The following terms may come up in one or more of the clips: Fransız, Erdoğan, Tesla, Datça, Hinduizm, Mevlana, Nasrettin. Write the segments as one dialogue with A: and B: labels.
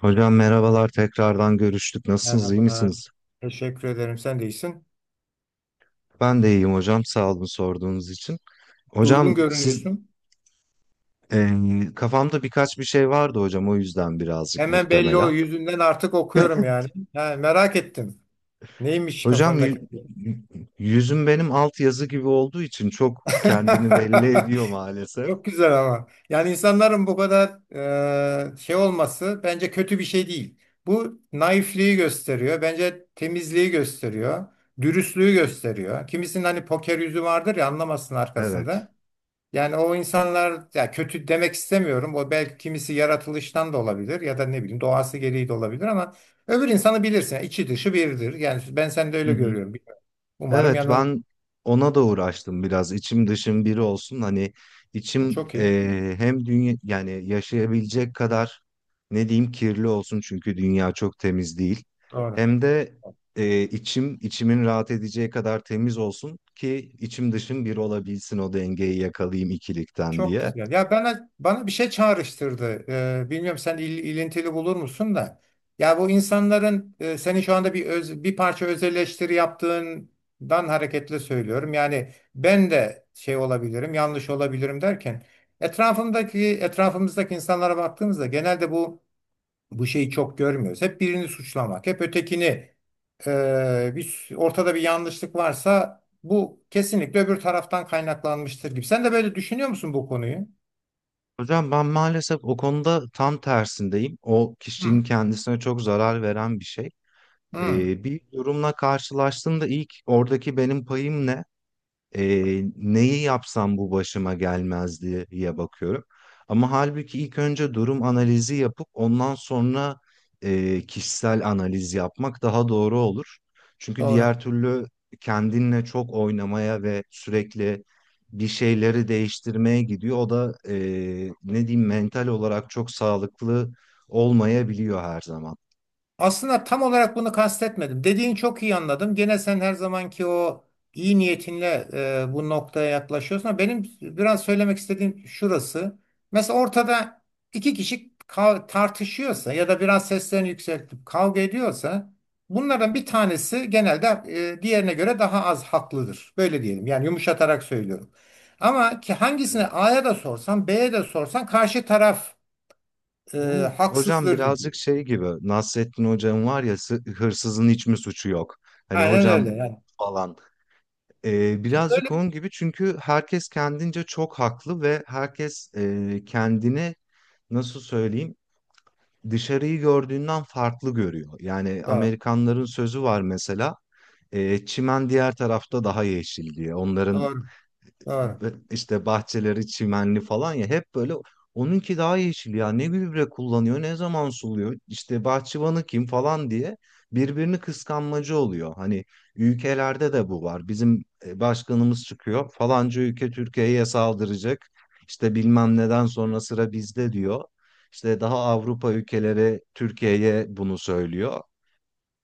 A: Hocam merhabalar tekrardan görüştük. Nasılsınız, iyi
B: Merhaba.
A: misiniz?
B: Teşekkür ederim. Sen de iyisin.
A: Ben de iyiyim hocam. Sağ olun sorduğunuz için.
B: Durgun
A: Hocam siz
B: görünüyorsun.
A: e, kafamda birkaç bir şey vardı hocam, o yüzden birazcık
B: Hemen belli o
A: muhtemelen.
B: yüzünden artık okuyorum yani. Ha, merak ettim. Neymiş
A: Hocam
B: kafandaki?
A: y- yüzüm benim alt yazı gibi olduğu için çok kendini belli ediyor maalesef.
B: Çok güzel ama. Yani insanların bu kadar şey olması bence kötü bir şey değil. Bu naifliği gösteriyor. Bence temizliği gösteriyor. Dürüstlüğü gösteriyor. Kimisinin hani poker yüzü vardır ya anlamasın
A: Evet.
B: arkasında. Yani o insanlar ya kötü demek istemiyorum. O belki kimisi yaratılıştan da olabilir ya da ne bileyim doğası gereği de olabilir ama öbür insanı bilirsin. Yani içi dışı biridir. Yani ben seni de
A: Hı
B: öyle
A: hı.
B: görüyorum. Bilmiyorum. Umarım
A: Evet,
B: yanılmıyorum.
A: ben ona da uğraştım biraz, içim dışım biri olsun, hani içim
B: Çok iyi.
A: hem dünya yani yaşayabilecek kadar, ne diyeyim, kirli olsun çünkü dünya çok temiz değil,
B: Doğru.
A: hem de içim içimin rahat edeceği kadar temiz olsun ki içim dışım bir olabilsin, o dengeyi yakalayayım ikilikten
B: Çok
A: diye.
B: güzel. Ya bana bir şey çağrıştırdı. Bilmiyorum sen ilintili bulur musun da. Ya bu insanların senin şu anda bir bir parça öz eleştiri yaptığından hareketle söylüyorum. Yani ben de şey olabilirim, yanlış olabilirim derken etrafımızdaki insanlara baktığımızda genelde bu şeyi çok görmüyoruz. Hep birini suçlamak, hep ötekini, bir, ortada bir yanlışlık varsa bu kesinlikle öbür taraftan kaynaklanmıştır gibi. Sen de böyle düşünüyor musun bu konuyu?
A: Hocam ben maalesef o konuda tam tersindeyim, o
B: Hmm.
A: kişinin kendisine çok zarar veren bir şey.
B: Hı,
A: Bir durumla karşılaştığımda ilk oradaki benim payım ne? Neyi yapsam bu başıma gelmez diye bakıyorum. Ama halbuki ilk önce durum analizi yapıp ondan sonra kişisel analiz yapmak daha doğru olur. Çünkü
B: doğru.
A: diğer türlü kendinle çok oynamaya ve sürekli bir şeyleri değiştirmeye gidiyor. O da ne diyeyim, mental olarak çok sağlıklı olmayabiliyor her zaman.
B: Aslında tam olarak bunu kastetmedim. Dediğin çok iyi anladım. Gene sen her zamanki o iyi niyetinle, bu noktaya yaklaşıyorsun. Ama benim biraz söylemek istediğim şurası. Mesela ortada iki kişi tartışıyorsa ya da biraz seslerini yükseltip kavga ediyorsa bunlardan bir tanesi genelde, diğerine göre daha az haklıdır. Böyle diyelim. Yani yumuşatarak söylüyorum. Ama ki hangisine
A: Evet.
B: A'ya da sorsan B'ye de sorsan karşı taraf, e,
A: Bu hocam
B: haksızdır diyor.
A: birazcık şey gibi, Nasrettin hocam var ya, hırsızın hiç mi suçu yok? Hani
B: Aynen
A: hocam
B: öyle yani.
A: falan.
B: Böyle
A: Birazcık onun gibi, çünkü herkes kendince çok haklı ve herkes kendini, nasıl söyleyeyim, dışarıyı gördüğünden farklı görüyor. Yani
B: Doğru,
A: Amerikanların sözü var mesela, çimen diğer tarafta daha yeşil diye. Onların
B: doğru, doğru.
A: işte bahçeleri çimenli falan ya, hep böyle onunki daha yeşil, ya ne gübre kullanıyor, ne zaman suluyor, işte bahçıvanı kim falan diye birbirini kıskanmacı oluyor. Hani ülkelerde de bu var, bizim başkanımız çıkıyor, falanca ülke Türkiye'ye saldıracak, işte bilmem neden sonra sıra bizde diyor. İşte daha Avrupa ülkeleri Türkiye'ye bunu söylüyor.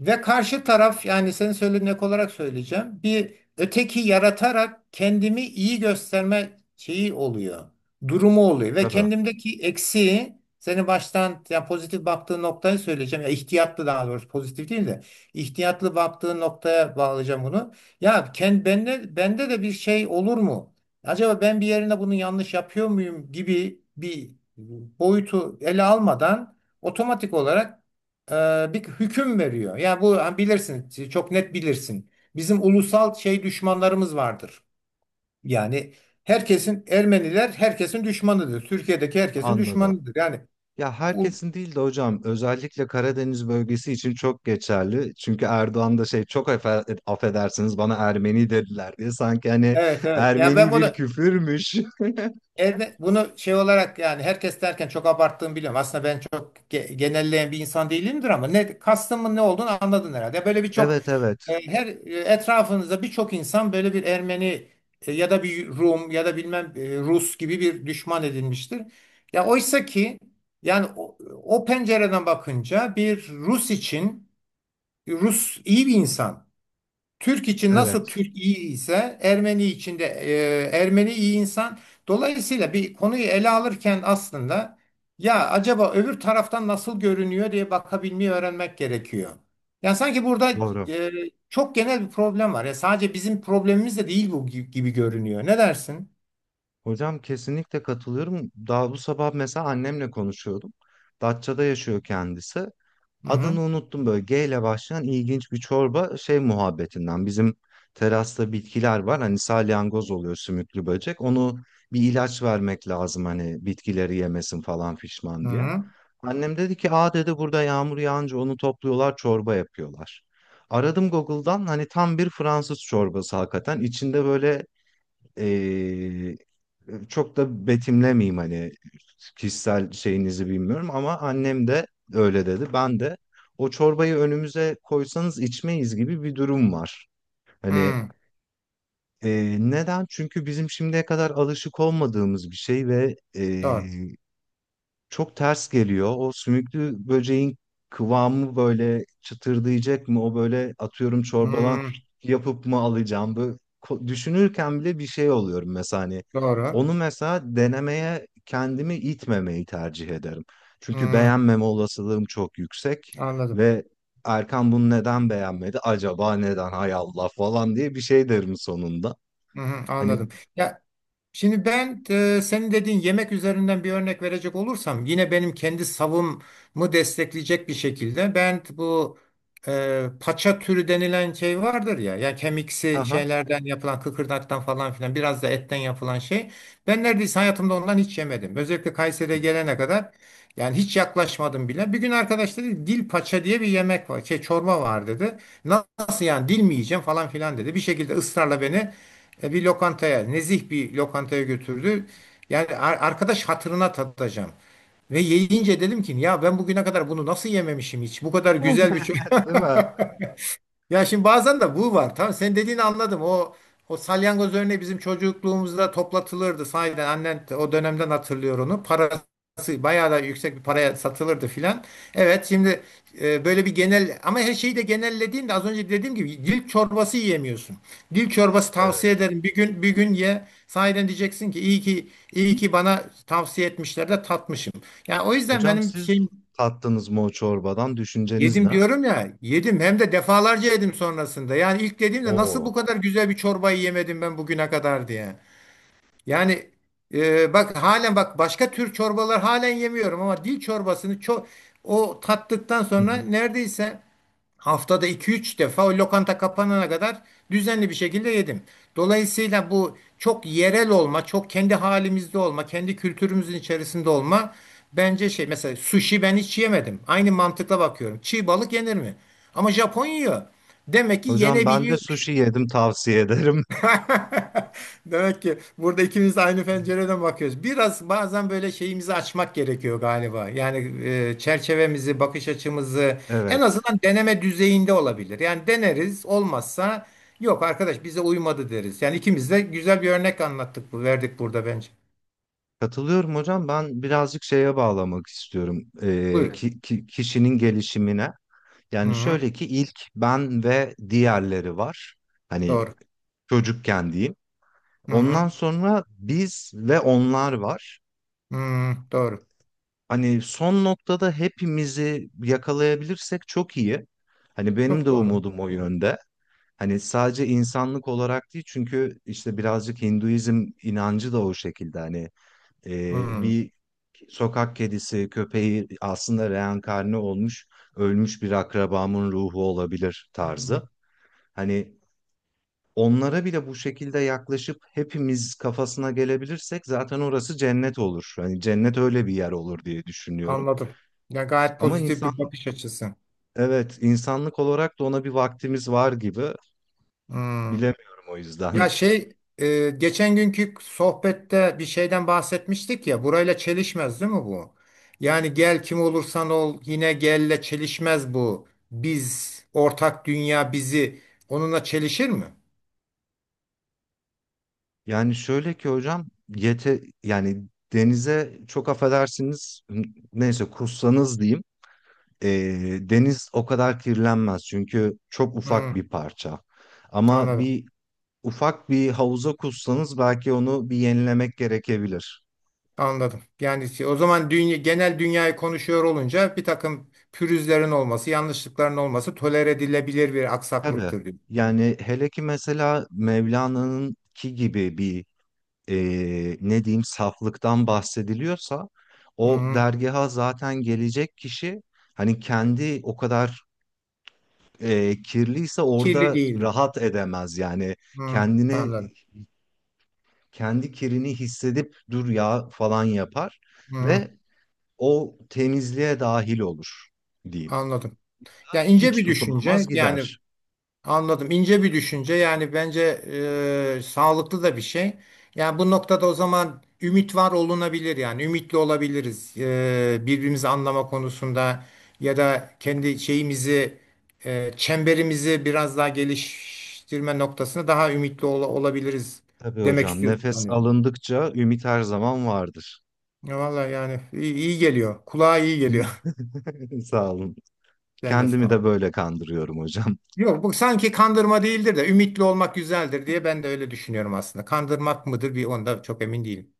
B: Ve karşı taraf yani senin söylediğin ek olarak söyleyeceğim. Bir öteki yaratarak kendimi iyi gösterme şeyi oluyor. Durumu oluyor ve
A: Tabii,
B: kendimdeki eksiği senin baştan yani pozitif baktığın noktayı söyleyeceğim. Ya ihtiyatlı, daha doğrusu pozitif değil de ihtiyatlı baktığın noktaya bağlayacağım bunu. Ya kendi bende de bir şey olur mu? Acaba ben bir yerine bunu yanlış yapıyor muyum gibi bir boyutu ele almadan otomatik olarak bir hüküm veriyor. Ya bu ha, bilirsin, çok net bilirsin. Bizim ulusal şey düşmanlarımız vardır. Yani herkesin Ermeniler herkesin düşmanıdır. Türkiye'deki herkesin
A: anladım.
B: düşmanıdır. Yani
A: Ya
B: ul-
A: herkesin değil de hocam, özellikle Karadeniz bölgesi için çok geçerli. Çünkü Erdoğan da şey, çok affedersiniz, bana Ermeni dediler diye, sanki hani
B: evet evet. Yani ben
A: Ermeni bir
B: bunu
A: küfürmüş.
B: evet, bunu şey olarak yani herkes derken çok abarttığımı biliyorum. Aslında ben çok genelleyen bir insan değilimdir ama ne kastımın ne olduğunu anladın herhalde. Böyle birçok,
A: Evet evet,
B: etrafınızda birçok insan böyle bir Ermeni, ya da bir Rum ya da bilmem Rus gibi bir düşman edinmiştir. Ya oysa ki yani o pencereden bakınca bir Rus için Rus iyi bir insan. Türk için nasıl
A: evet
B: Türk iyi ise Ermeni için de, Ermeni iyi insan. Dolayısıyla bir konuyu ele alırken aslında ya acaba öbür taraftan nasıl görünüyor diye bakabilmeyi öğrenmek gerekiyor. Yani sanki burada,
A: doğru.
B: e, çok genel bir problem var. Ya sadece bizim problemimiz de değil bu gibi görünüyor. Ne dersin?
A: Hocam kesinlikle katılıyorum. Daha bu sabah mesela annemle konuşuyordum. Datça'da yaşıyor kendisi.
B: Hı
A: Adını
B: hı.
A: unuttum, böyle G ile başlayan ilginç bir çorba şey muhabbetinden. Bizim terasta bitkiler var. Hani salyangoz oluyor, sümüklü böcek. Onu bir ilaç vermek lazım hani, bitkileri yemesin falan fişman
B: Hı
A: diye.
B: hı.
A: Annem dedi ki, aa dedi, burada yağmur yağınca onu topluyorlar, çorba yapıyorlar. Aradım Google'dan, hani tam bir Fransız çorbası hakikaten. İçinde böyle, çok da betimlemeyeyim, hani kişisel şeyinizi bilmiyorum, ama annem de öyle dedi. Ben de, o çorbayı önümüze koysanız içmeyiz gibi bir durum var. Hani
B: Hı.
A: neden? Çünkü bizim şimdiye kadar alışık olmadığımız bir şey ve
B: Doğru.
A: çok ters geliyor. O sümüklü böceğin kıvamı böyle çıtırdayacak mı? O böyle atıyorum çorbadan
B: Hı.
A: yapıp mı alacağım? Böyle düşünürken bile bir şey oluyorum mesela hani.
B: Doğru.
A: Onu mesela denemeye kendimi itmemeyi tercih ederim. Çünkü
B: Hı.
A: beğenmeme olasılığım çok yüksek
B: Anladım.
A: ve Erkan bunu neden beğenmedi? Acaba neden? Hay Allah falan diye bir şey derim sonunda.
B: Hı hı.
A: Hani
B: Anladım. Şimdi ben, senin dediğin yemek üzerinden bir örnek verecek olursam yine benim kendi savımı destekleyecek bir şekilde ben bu, paça türü denilen şey vardır ya ya kemiksi
A: aha.
B: şeylerden yapılan kıkırdaktan falan filan biraz da etten yapılan şey. Ben neredeyse hayatımda ondan hiç yemedim. Özellikle Kayseri'ye gelene kadar yani hiç yaklaşmadım bile. Bir gün arkadaş dedi dil paça diye bir yemek var şey çorba var dedi. Nasıl yani dil mi yiyeceğim falan filan dedi. Bir şekilde ısrarla beni, bir lokantaya, nezih bir lokantaya götürdü. Yani arkadaş hatırına tatacağım. Ve yiyince dedim ki ya ben bugüne kadar bunu nasıl yememişim hiç? Bu kadar güzel bir
A: Değil mi?
B: ya şimdi bazen de bu var. Tamam sen dediğini anladım. O salyangoz örneği bizim çocukluğumuzda toplatılırdı. Sahiden annen de o dönemden hatırlıyor onu. Parası bayağı da yüksek bir paraya satılırdı filan. Evet şimdi, böyle bir genel ama her şeyi de genellediğinde az önce dediğim gibi dil çorbası yiyemiyorsun. Dil çorbası tavsiye ederim. Bir gün bir gün ye. Sahiden diyeceksin ki iyi ki iyi ki bana tavsiye etmişler de tatmışım. Yani o yüzden
A: Hocam
B: benim
A: siz
B: şeyim
A: tattınız mı o çorbadan? Düşünceniz
B: Yedim
A: ne?
B: diyorum ya, yedim hem de defalarca yedim sonrasında. Yani ilk dediğimde nasıl bu
A: Oo.
B: kadar güzel bir çorbayı yemedim ben bugüne kadar diye. Yani, bak halen bak başka tür çorbalar halen yemiyorum ama dil çorbasını çok o tattıktan
A: Hı
B: sonra
A: hı.
B: neredeyse haftada iki üç defa o lokanta kapanana kadar düzenli bir şekilde yedim. Dolayısıyla bu çok yerel olma, çok kendi halimizde olma, kendi kültürümüzün içerisinde olma bence şey mesela sushi ben hiç yemedim. Aynı mantıkla bakıyorum. Çiğ balık yenir mi? Ama Japon yiyor. Demek ki
A: Hocam ben de
B: yenebiliyor.
A: sushi yedim, tavsiye ederim.
B: Demek ki burada ikimiz de aynı pencereden bakıyoruz. Biraz bazen böyle şeyimizi açmak gerekiyor galiba. Yani, çerçevemizi, bakış açımızı en
A: Evet.
B: azından deneme düzeyinde olabilir. Yani deneriz, olmazsa yok arkadaş bize uymadı deriz. Yani ikimiz de güzel bir örnek anlattık, bu verdik burada bence.
A: Katılıyorum hocam. Ben birazcık şeye bağlamak istiyorum.
B: Buyurun.
A: Kişinin gelişimine.
B: Hı
A: Yani
B: hı,
A: şöyle ki, ilk ben ve diğerleri var. Hani
B: doğru.
A: çocukken diyeyim.
B: Hı
A: Ondan
B: hı,
A: sonra biz ve onlar var.
B: hı, doğru.
A: Hani son noktada hepimizi yakalayabilirsek çok iyi. Hani benim de
B: Çok doğru.
A: umudum o yönde. Hani sadece insanlık olarak değil, çünkü işte birazcık Hinduizm inancı da o şekilde, hani bir sokak kedisi köpeği aslında reenkarne olmuş, ölmüş bir akrabamın ruhu olabilir
B: Hı hı.
A: tarzı. Hani onlara bile bu şekilde yaklaşıp hepimiz kafasına gelebilirsek zaten orası cennet olur. Hani cennet öyle bir yer olur diye düşünüyorum.
B: Anladım. Ya gayet
A: Ama
B: pozitif bir
A: insan,
B: bakış açısı.
A: evet, insanlık olarak da ona bir vaktimiz var gibi,
B: Hı.
A: bilemiyorum o
B: Ya
A: yüzden.
B: şey, geçen günkü sohbette bir şeyden bahsetmiştik ya burayla çelişmez değil mi bu? Yani gel kim olursan ol yine gelle çelişmez bu. Biz ortak dünya bizi onunla çelişir mi?
A: Yani şöyle ki hocam, yete yani, denize, çok affedersiniz, neyse kussanız diyeyim, e, deniz o kadar kirlenmez çünkü çok ufak
B: Hmm,
A: bir parça. Ama
B: anladım.
A: bir ufak bir havuza kussanız belki onu bir yenilemek gerekebilir.
B: Anladım. Yani o zaman dünya, genel dünyayı konuşuyor olunca bir takım pürüzlerin olması, yanlışlıkların olması tolere edilebilir bir
A: Tabii,
B: aksaklıktır diyor.
A: yani hele ki mesela Mevlana'nın ki gibi bir, ne diyeyim, saflıktan bahsediliyorsa, o
B: Hmm,
A: dergaha zaten gelecek kişi, hani kendi o kadar kirliyse
B: kirli
A: orada
B: değil.
A: rahat edemez yani,
B: Hmm,
A: kendini,
B: anladım.
A: kendi kirini hissedip dur ya falan yapar
B: Hmm,
A: ve o temizliğe dahil olur diyeyim.
B: anladım. Yani ince
A: Hiç
B: bir düşünce.
A: tutunamaz
B: Yani
A: gider.
B: anladım. İnce bir düşünce. Yani bence, sağlıklı da bir şey. Yani bu noktada o zaman ümit var olunabilir yani. Ümitli olabiliriz. E, birbirimizi anlama konusunda ya da kendi şeyimizi, çemberimizi biraz daha geliştirme noktasında daha ümitli olabiliriz
A: Tabii
B: demek
A: hocam,
B: istiyorsun
A: nefes
B: sanıyorum.
A: alındıkça ümit her zaman vardır.
B: Ya vallahi yani iyi, iyi geliyor. Kulağa iyi
A: Hı?
B: geliyor.
A: Sağ olun.
B: Sen de sağ
A: Kendimi
B: ol.
A: de böyle kandırıyorum hocam.
B: Yok bu sanki kandırma değildir de ümitli olmak güzeldir diye ben de öyle düşünüyorum aslında. Kandırmak mıdır bir onda çok emin değilim.